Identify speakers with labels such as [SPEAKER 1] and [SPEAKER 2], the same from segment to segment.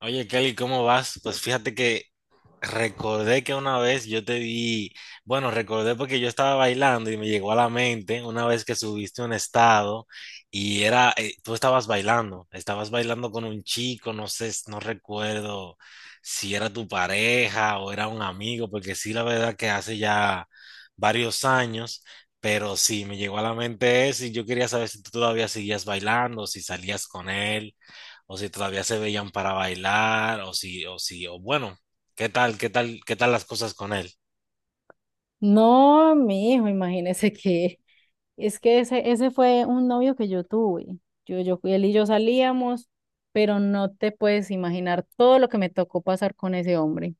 [SPEAKER 1] Oye, Kelly, ¿cómo vas? Pues fíjate que recordé que una vez yo te vi, bueno, recordé porque yo estaba bailando y me llegó a la mente una vez que subiste un estado y era, tú estabas bailando con un chico, no sé, no recuerdo si era tu pareja o era un amigo, porque sí, la verdad que hace ya varios años, pero sí, me llegó a la mente eso y yo quería saber si tú todavía seguías bailando, si salías con él o si todavía se veían para bailar, o si, o si, o bueno, ¿qué tal, qué tal las cosas con él?
[SPEAKER 2] No, mi hijo, imagínese que es que ese fue un novio que yo tuve. Él y yo salíamos, pero no te puedes imaginar todo lo que me tocó pasar con ese hombre.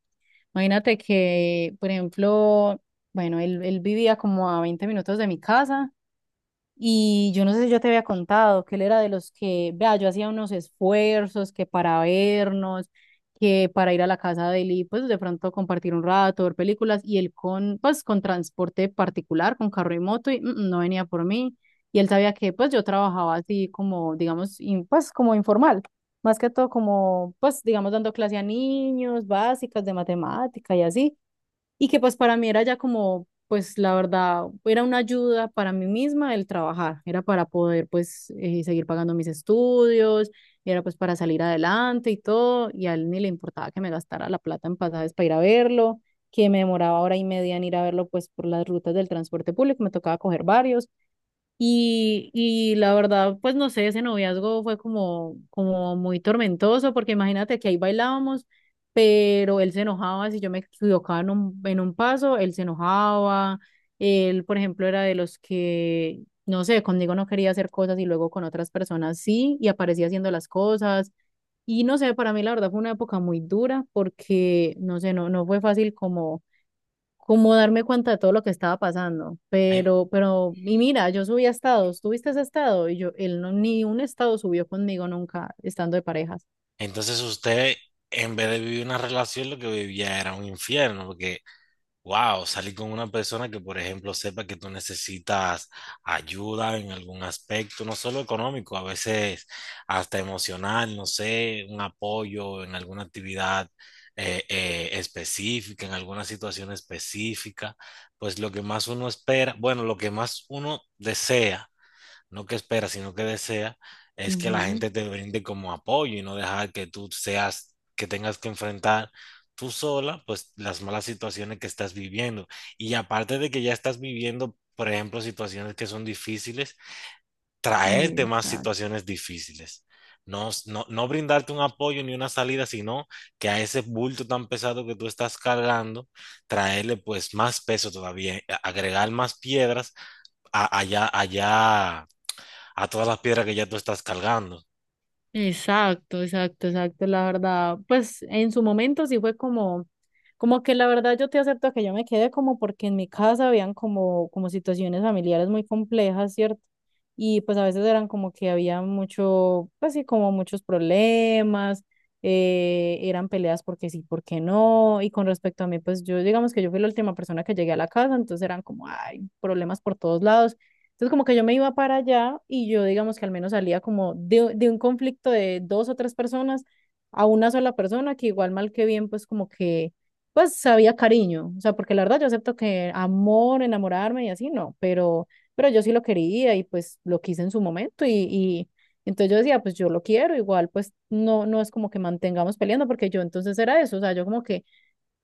[SPEAKER 2] Imagínate que, por ejemplo, bueno, él vivía como a 20 minutos de mi casa y yo no sé si yo te había contado que él era de los que, vea, yo hacía unos esfuerzos que para vernos, que para ir a la casa de él y pues de pronto compartir un rato, ver películas, y él pues con transporte particular, con carro y moto, y no venía por mí. Y él sabía que pues yo trabajaba así como, digamos, pues como informal, más que todo como, pues digamos, dando clase a niños, básicas de matemática y así y que pues para mí era ya como, pues la verdad, era una ayuda para mí misma el trabajar, era para poder pues seguir pagando mis estudios, era pues para salir adelante y todo, y a él ni le importaba que me gastara la plata en pasajes para ir a verlo, que me demoraba hora y media en ir a verlo pues por las rutas del transporte público, me tocaba coger varios. Y la verdad, pues no sé, ese noviazgo fue como, como muy tormentoso, porque imagínate que ahí bailábamos, pero él se enojaba si yo me equivocaba en en un paso, él se enojaba, él, por ejemplo, era de los que, no sé, conmigo no quería hacer cosas y luego con otras personas sí, y aparecía haciendo las cosas. Y no sé, para mí la verdad fue una época muy dura, porque, no sé, no, no fue fácil como darme cuenta de todo lo que estaba pasando.
[SPEAKER 1] En-
[SPEAKER 2] Pero, y mira, yo subí a estados, ¿tuviste ese estado? Y yo, él no, ni un estado subió conmigo nunca, estando de parejas.
[SPEAKER 1] Entonces usted, en vez de vivir una relación, lo que vivía era un infierno, porque wow, salir con una persona que, por ejemplo, sepa que tú necesitas ayuda en algún aspecto, no solo económico, a veces hasta emocional, no sé, un apoyo en alguna actividad específica, en alguna situación específica, pues lo que más uno espera, bueno, lo que más uno desea no que espera, sino que desea, es que la
[SPEAKER 2] Ujú.
[SPEAKER 1] gente te brinde como apoyo y no dejar que tú seas, que tengas que enfrentar tú sola, pues las malas situaciones que estás viviendo. Y aparte de que ya estás viviendo, por ejemplo, situaciones que son difíciles, traerte más
[SPEAKER 2] Exacto.
[SPEAKER 1] situaciones difíciles. No brindarte un apoyo ni una salida, sino que a ese bulto tan pesado que tú estás cargando, traerle pues más peso todavía, agregar más piedras allá a todas las piedras que ya tú estás cargando.
[SPEAKER 2] Exacto, exacto, exacto, la verdad, pues en su momento sí fue como, como que la verdad yo te acepto que yo me quedé como porque en mi casa habían como situaciones familiares muy complejas, ¿cierto? Y pues a veces eran como que había mucho, pues sí, como muchos problemas, eran peleas porque sí, porque no, y con respecto a mí, pues yo digamos que yo fui la última persona que llegué a la casa, entonces eran como, ay, problemas por todos lados. Entonces, como que yo me iba para allá y yo, digamos que al menos salía como de un conflicto de dos o tres personas a una sola persona que igual mal que bien, pues como que, pues sabía cariño. O sea, porque la verdad yo acepto que amor, enamorarme y así, no, pero yo sí lo quería y pues lo quise en su momento y entonces yo decía, pues yo lo quiero, igual pues no, no es como que mantengamos peleando porque yo entonces era eso, o sea, yo como que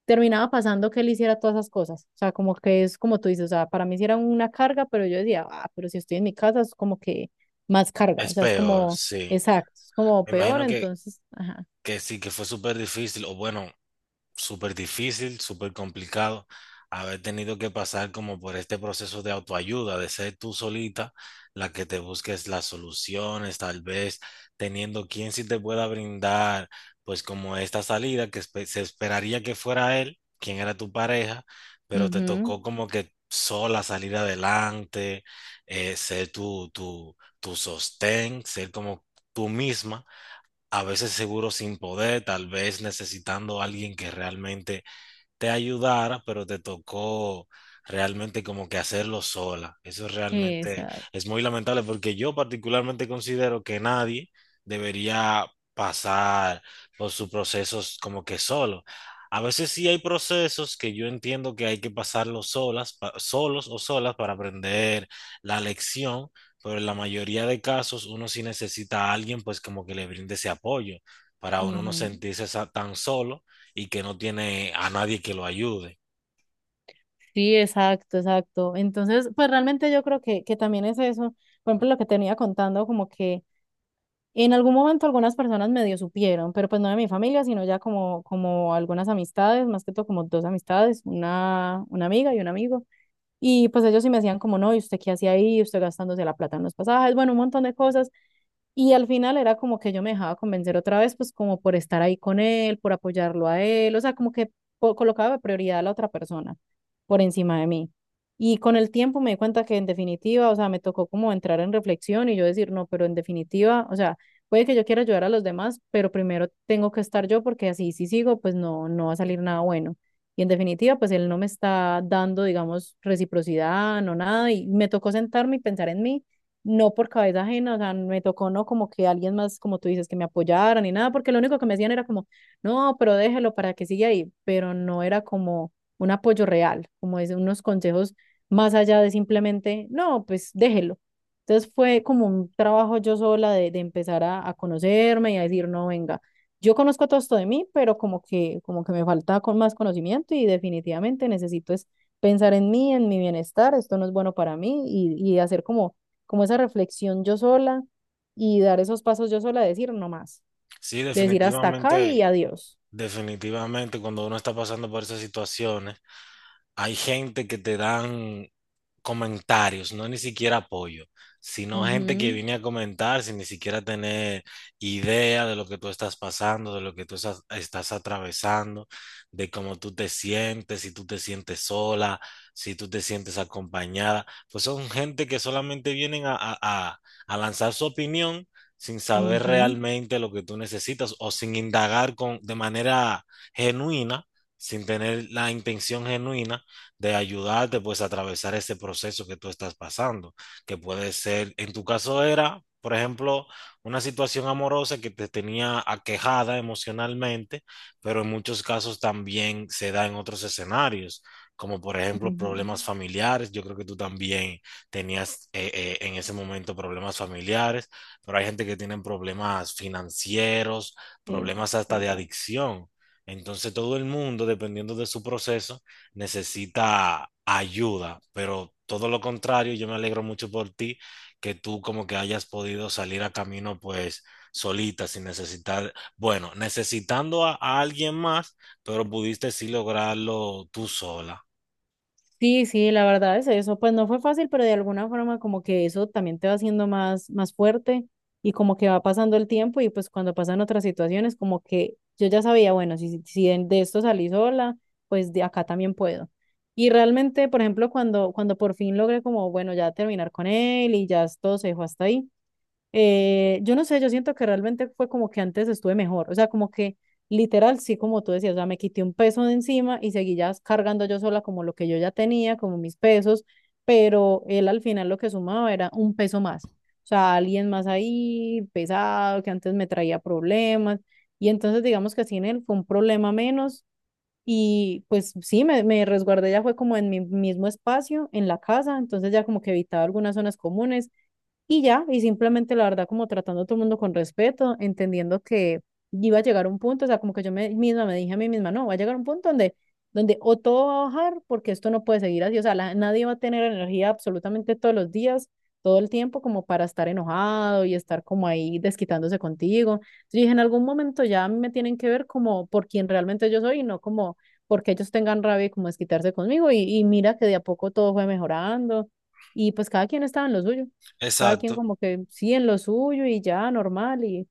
[SPEAKER 2] terminaba pasando que él hiciera todas esas cosas. O sea, como que es como tú dices, o sea, para mí sí era una carga, pero yo decía, ah, pero si estoy en mi casa es como que más carga. O
[SPEAKER 1] Es
[SPEAKER 2] sea, es
[SPEAKER 1] peor,
[SPEAKER 2] como,
[SPEAKER 1] sí.
[SPEAKER 2] exacto, es como
[SPEAKER 1] Me
[SPEAKER 2] peor,
[SPEAKER 1] imagino
[SPEAKER 2] entonces, ajá.
[SPEAKER 1] que sí, que fue súper difícil, o bueno, súper difícil, súper complicado, haber tenido que pasar como por este proceso de autoayuda, de ser tú solita la que te busques las soluciones, tal vez teniendo quien sí te pueda brindar, pues como esta salida que se esperaría que fuera él, quien era tu pareja, pero te
[SPEAKER 2] Ujú,
[SPEAKER 1] tocó como que sola salir adelante, ser tu sostén, ser como tú misma a veces seguro sin poder, tal vez necesitando a alguien que realmente te ayudara, pero te tocó realmente como que hacerlo sola. Eso realmente
[SPEAKER 2] exacto.
[SPEAKER 1] es muy lamentable porque yo particularmente considero que nadie debería pasar por sus procesos como que solo. A veces sí hay procesos que yo entiendo que hay que pasarlos solas, solos o solas para aprender la lección, pero en la mayoría de casos uno sí necesita a alguien pues como que le brinde ese apoyo para uno no
[SPEAKER 2] Ujú.
[SPEAKER 1] sentirse tan solo y que no tiene a nadie que lo ayude.
[SPEAKER 2] Sí, exacto, exacto. Entonces, pues realmente yo creo que también es eso. Por ejemplo, lo que tenía contando, como que en algún momento algunas personas medio supieron, pero pues no de mi familia, sino ya como, como algunas amistades, más que todo como dos amistades, una amiga y un amigo. Y pues ellos sí me decían como, no, ¿y usted qué hacía ahí? ¿Usted gastándose la plata en los pasajes? Bueno, un montón de cosas. Y al final era como que yo me dejaba convencer otra vez, pues como por estar ahí con él, por apoyarlo a él, o sea, como que colocaba de prioridad a la otra persona por encima de mí. Y con el tiempo me di cuenta que en definitiva, o sea, me tocó como entrar en reflexión y yo decir, no, pero en definitiva, o sea, puede que yo quiera ayudar a los demás, pero primero tengo que estar yo porque así si sigo, pues no, no va a salir nada bueno. Y en definitiva, pues él no me está dando, digamos, reciprocidad, no nada, y me tocó sentarme y pensar en mí no por cabeza ajena, o sea, me tocó no como que alguien más, como tú dices, que me apoyara ni nada, porque lo único que me decían era como, no, pero déjelo para que siga ahí, pero no era como un apoyo real, como es unos consejos más allá de simplemente, no, pues déjelo. Entonces fue como un trabajo yo sola de empezar a conocerme y a decir, no, venga, yo conozco todo esto de mí, pero como que me falta con más conocimiento y definitivamente necesito es pensar en mí, en mi bienestar, esto no es bueno para mí y hacer como como esa reflexión yo sola y dar esos pasos yo sola, decir no más,
[SPEAKER 1] Sí,
[SPEAKER 2] decir hasta acá
[SPEAKER 1] definitivamente,
[SPEAKER 2] y adiós.
[SPEAKER 1] definitivamente cuando uno está pasando por esas situaciones, hay gente que te dan comentarios, no ni siquiera apoyo, sino gente que
[SPEAKER 2] Ujú,
[SPEAKER 1] viene a comentar sin ni siquiera tener idea de lo que tú estás pasando, de lo que tú estás, estás atravesando, de cómo tú te sientes, si tú te sientes sola, si tú te sientes acompañada. Pues son gente que solamente vienen a, a lanzar su opinión sin saber
[SPEAKER 2] ujú.
[SPEAKER 1] realmente lo que tú necesitas o sin indagar con, de manera genuina, sin tener la intención genuina de ayudarte pues a atravesar ese proceso que tú estás pasando, que puede ser, en tu caso era, por ejemplo, una situación amorosa que te tenía aquejada emocionalmente, pero en muchos casos también se da en otros escenarios, como por ejemplo
[SPEAKER 2] Ujú.
[SPEAKER 1] problemas familiares. Yo creo que tú también tenías en ese momento problemas familiares, pero hay gente que tiene problemas financieros, problemas
[SPEAKER 2] Es
[SPEAKER 1] hasta de
[SPEAKER 2] verdad.
[SPEAKER 1] adicción. Entonces todo el mundo, dependiendo de su proceso, necesita ayuda, pero todo lo contrario, yo me alegro mucho por ti, que tú como que hayas podido salir a camino pues solita, sin necesitar, bueno, necesitando a alguien más, pero pudiste sí lograrlo tú sola.
[SPEAKER 2] Sí, sí, la verdad es eso. Pues no fue fácil, pero de alguna forma como que eso también te va haciendo más, más fuerte y como que va pasando el tiempo y pues cuando pasan otras situaciones como que yo ya sabía, bueno, si, si de esto salí sola, pues de acá también puedo. Y realmente, por ejemplo, cuando por fin logré como, bueno, ya terminar con él y ya todo se dejó hasta ahí. Yo no sé, yo siento que realmente fue como que antes estuve mejor, o sea, como que literal, sí, como tú decías, o sea, me quité un peso de encima y seguí ya cargando yo sola como lo que yo ya tenía, como mis pesos, pero él al final lo que sumaba era un peso más, o sea, alguien más ahí pesado que antes me traía problemas y entonces digamos que así en él fue un problema menos y pues sí, me resguardé ya fue como en mi mismo espacio, en la casa, entonces ya como que evitaba algunas zonas comunes y ya, y simplemente la verdad como tratando a todo el mundo con respeto, entendiendo que iba a llegar un punto, o sea, como que yo misma me dije a mí misma, no, va a llegar un punto donde o todo va a bajar porque esto no puede seguir así, o sea, la- nadie va a tener energía absolutamente todos los días, todo el tiempo como para estar enojado y estar como ahí desquitándose contigo. Entonces dije, en algún momento ya a mí me tienen que ver como por quien realmente yo soy y no como porque ellos tengan rabia y como desquitarse conmigo y mira que de a poco todo fue mejorando y pues cada quien estaba en lo suyo. Cada quien
[SPEAKER 1] Exacto.
[SPEAKER 2] como que sí en lo suyo y ya, normal y,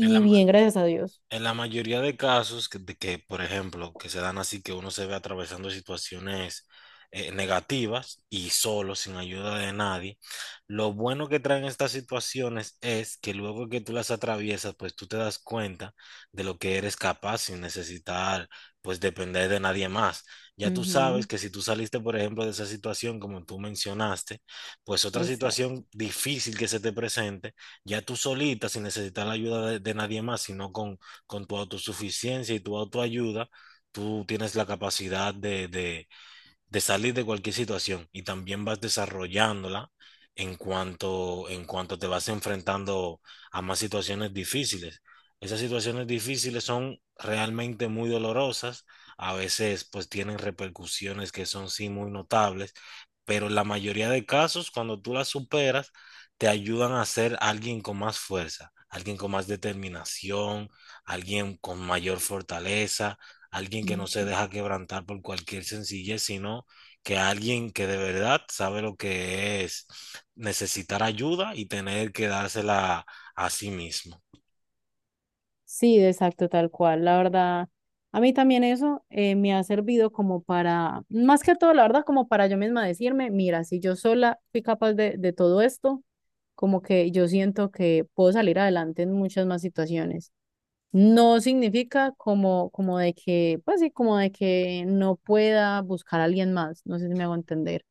[SPEAKER 1] Es la,
[SPEAKER 2] bien, gracias a Dios.
[SPEAKER 1] en la mayoría de casos que, de que, por ejemplo, que se dan así que uno se ve atravesando situaciones negativas y solo, sin ayuda de nadie, lo bueno que traen estas situaciones es que luego que tú las atraviesas, pues tú te das cuenta de lo que eres capaz sin necesitar, pues depender de nadie más. Ya tú sabes
[SPEAKER 2] Ujú,
[SPEAKER 1] que si tú saliste, por ejemplo, de esa situación, como tú mencionaste, pues otra
[SPEAKER 2] exacto.
[SPEAKER 1] situación difícil que se te presente, ya tú solita, sin necesitar la ayuda de nadie más, sino con tu autosuficiencia y tu autoayuda, tú tienes la capacidad de salir de cualquier situación y también vas desarrollándola en cuanto te vas enfrentando a más situaciones difíciles. Esas situaciones difíciles son realmente muy dolorosas, a veces pues tienen repercusiones que son sí muy notables, pero en la mayoría de casos cuando tú las superas te ayudan a ser alguien con más fuerza, alguien con más determinación, alguien con mayor fortaleza, alguien que no se
[SPEAKER 2] Ujú.
[SPEAKER 1] deja quebrantar por cualquier sencillez, sino que alguien que de verdad sabe lo que es necesitar ayuda y tener que dársela a sí mismo.
[SPEAKER 2] Sí, exacto, tal cual. La verdad, a mí también eso me ha servido como para, más que todo, la verdad, como para yo misma decirme, mira, si yo sola fui capaz de todo esto, como que yo siento que puedo salir adelante en muchas más situaciones. No significa como, como de que, pues sí, como de que no pueda buscar a alguien más, no sé si me hago entender.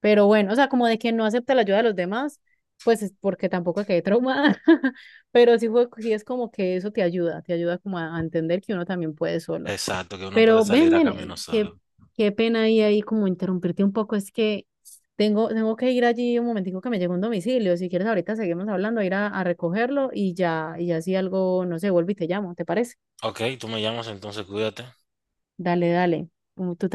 [SPEAKER 2] Pero bueno, o sea, como de que no acepta la ayuda de los demás, pues es porque tampoco quedé traumada. Pero sí, fue, sí es como que eso te ayuda como a entender que uno también puede solo.
[SPEAKER 1] Exacto, que uno puede
[SPEAKER 2] Pero ven,
[SPEAKER 1] salir a
[SPEAKER 2] ven,
[SPEAKER 1] camino
[SPEAKER 2] qué,
[SPEAKER 1] solo.
[SPEAKER 2] qué pena ahí como interrumpirte un poco, es que tengo que ir allí un momentico que me llegó un domicilio, si quieres ahorita seguimos hablando, ir a recogerlo y ya, y, ya si algo, no sé, vuelvo y te llamo, ¿te parece?
[SPEAKER 1] Ok, tú me llamas entonces, cuídate.
[SPEAKER 2] Dale, dale, como tú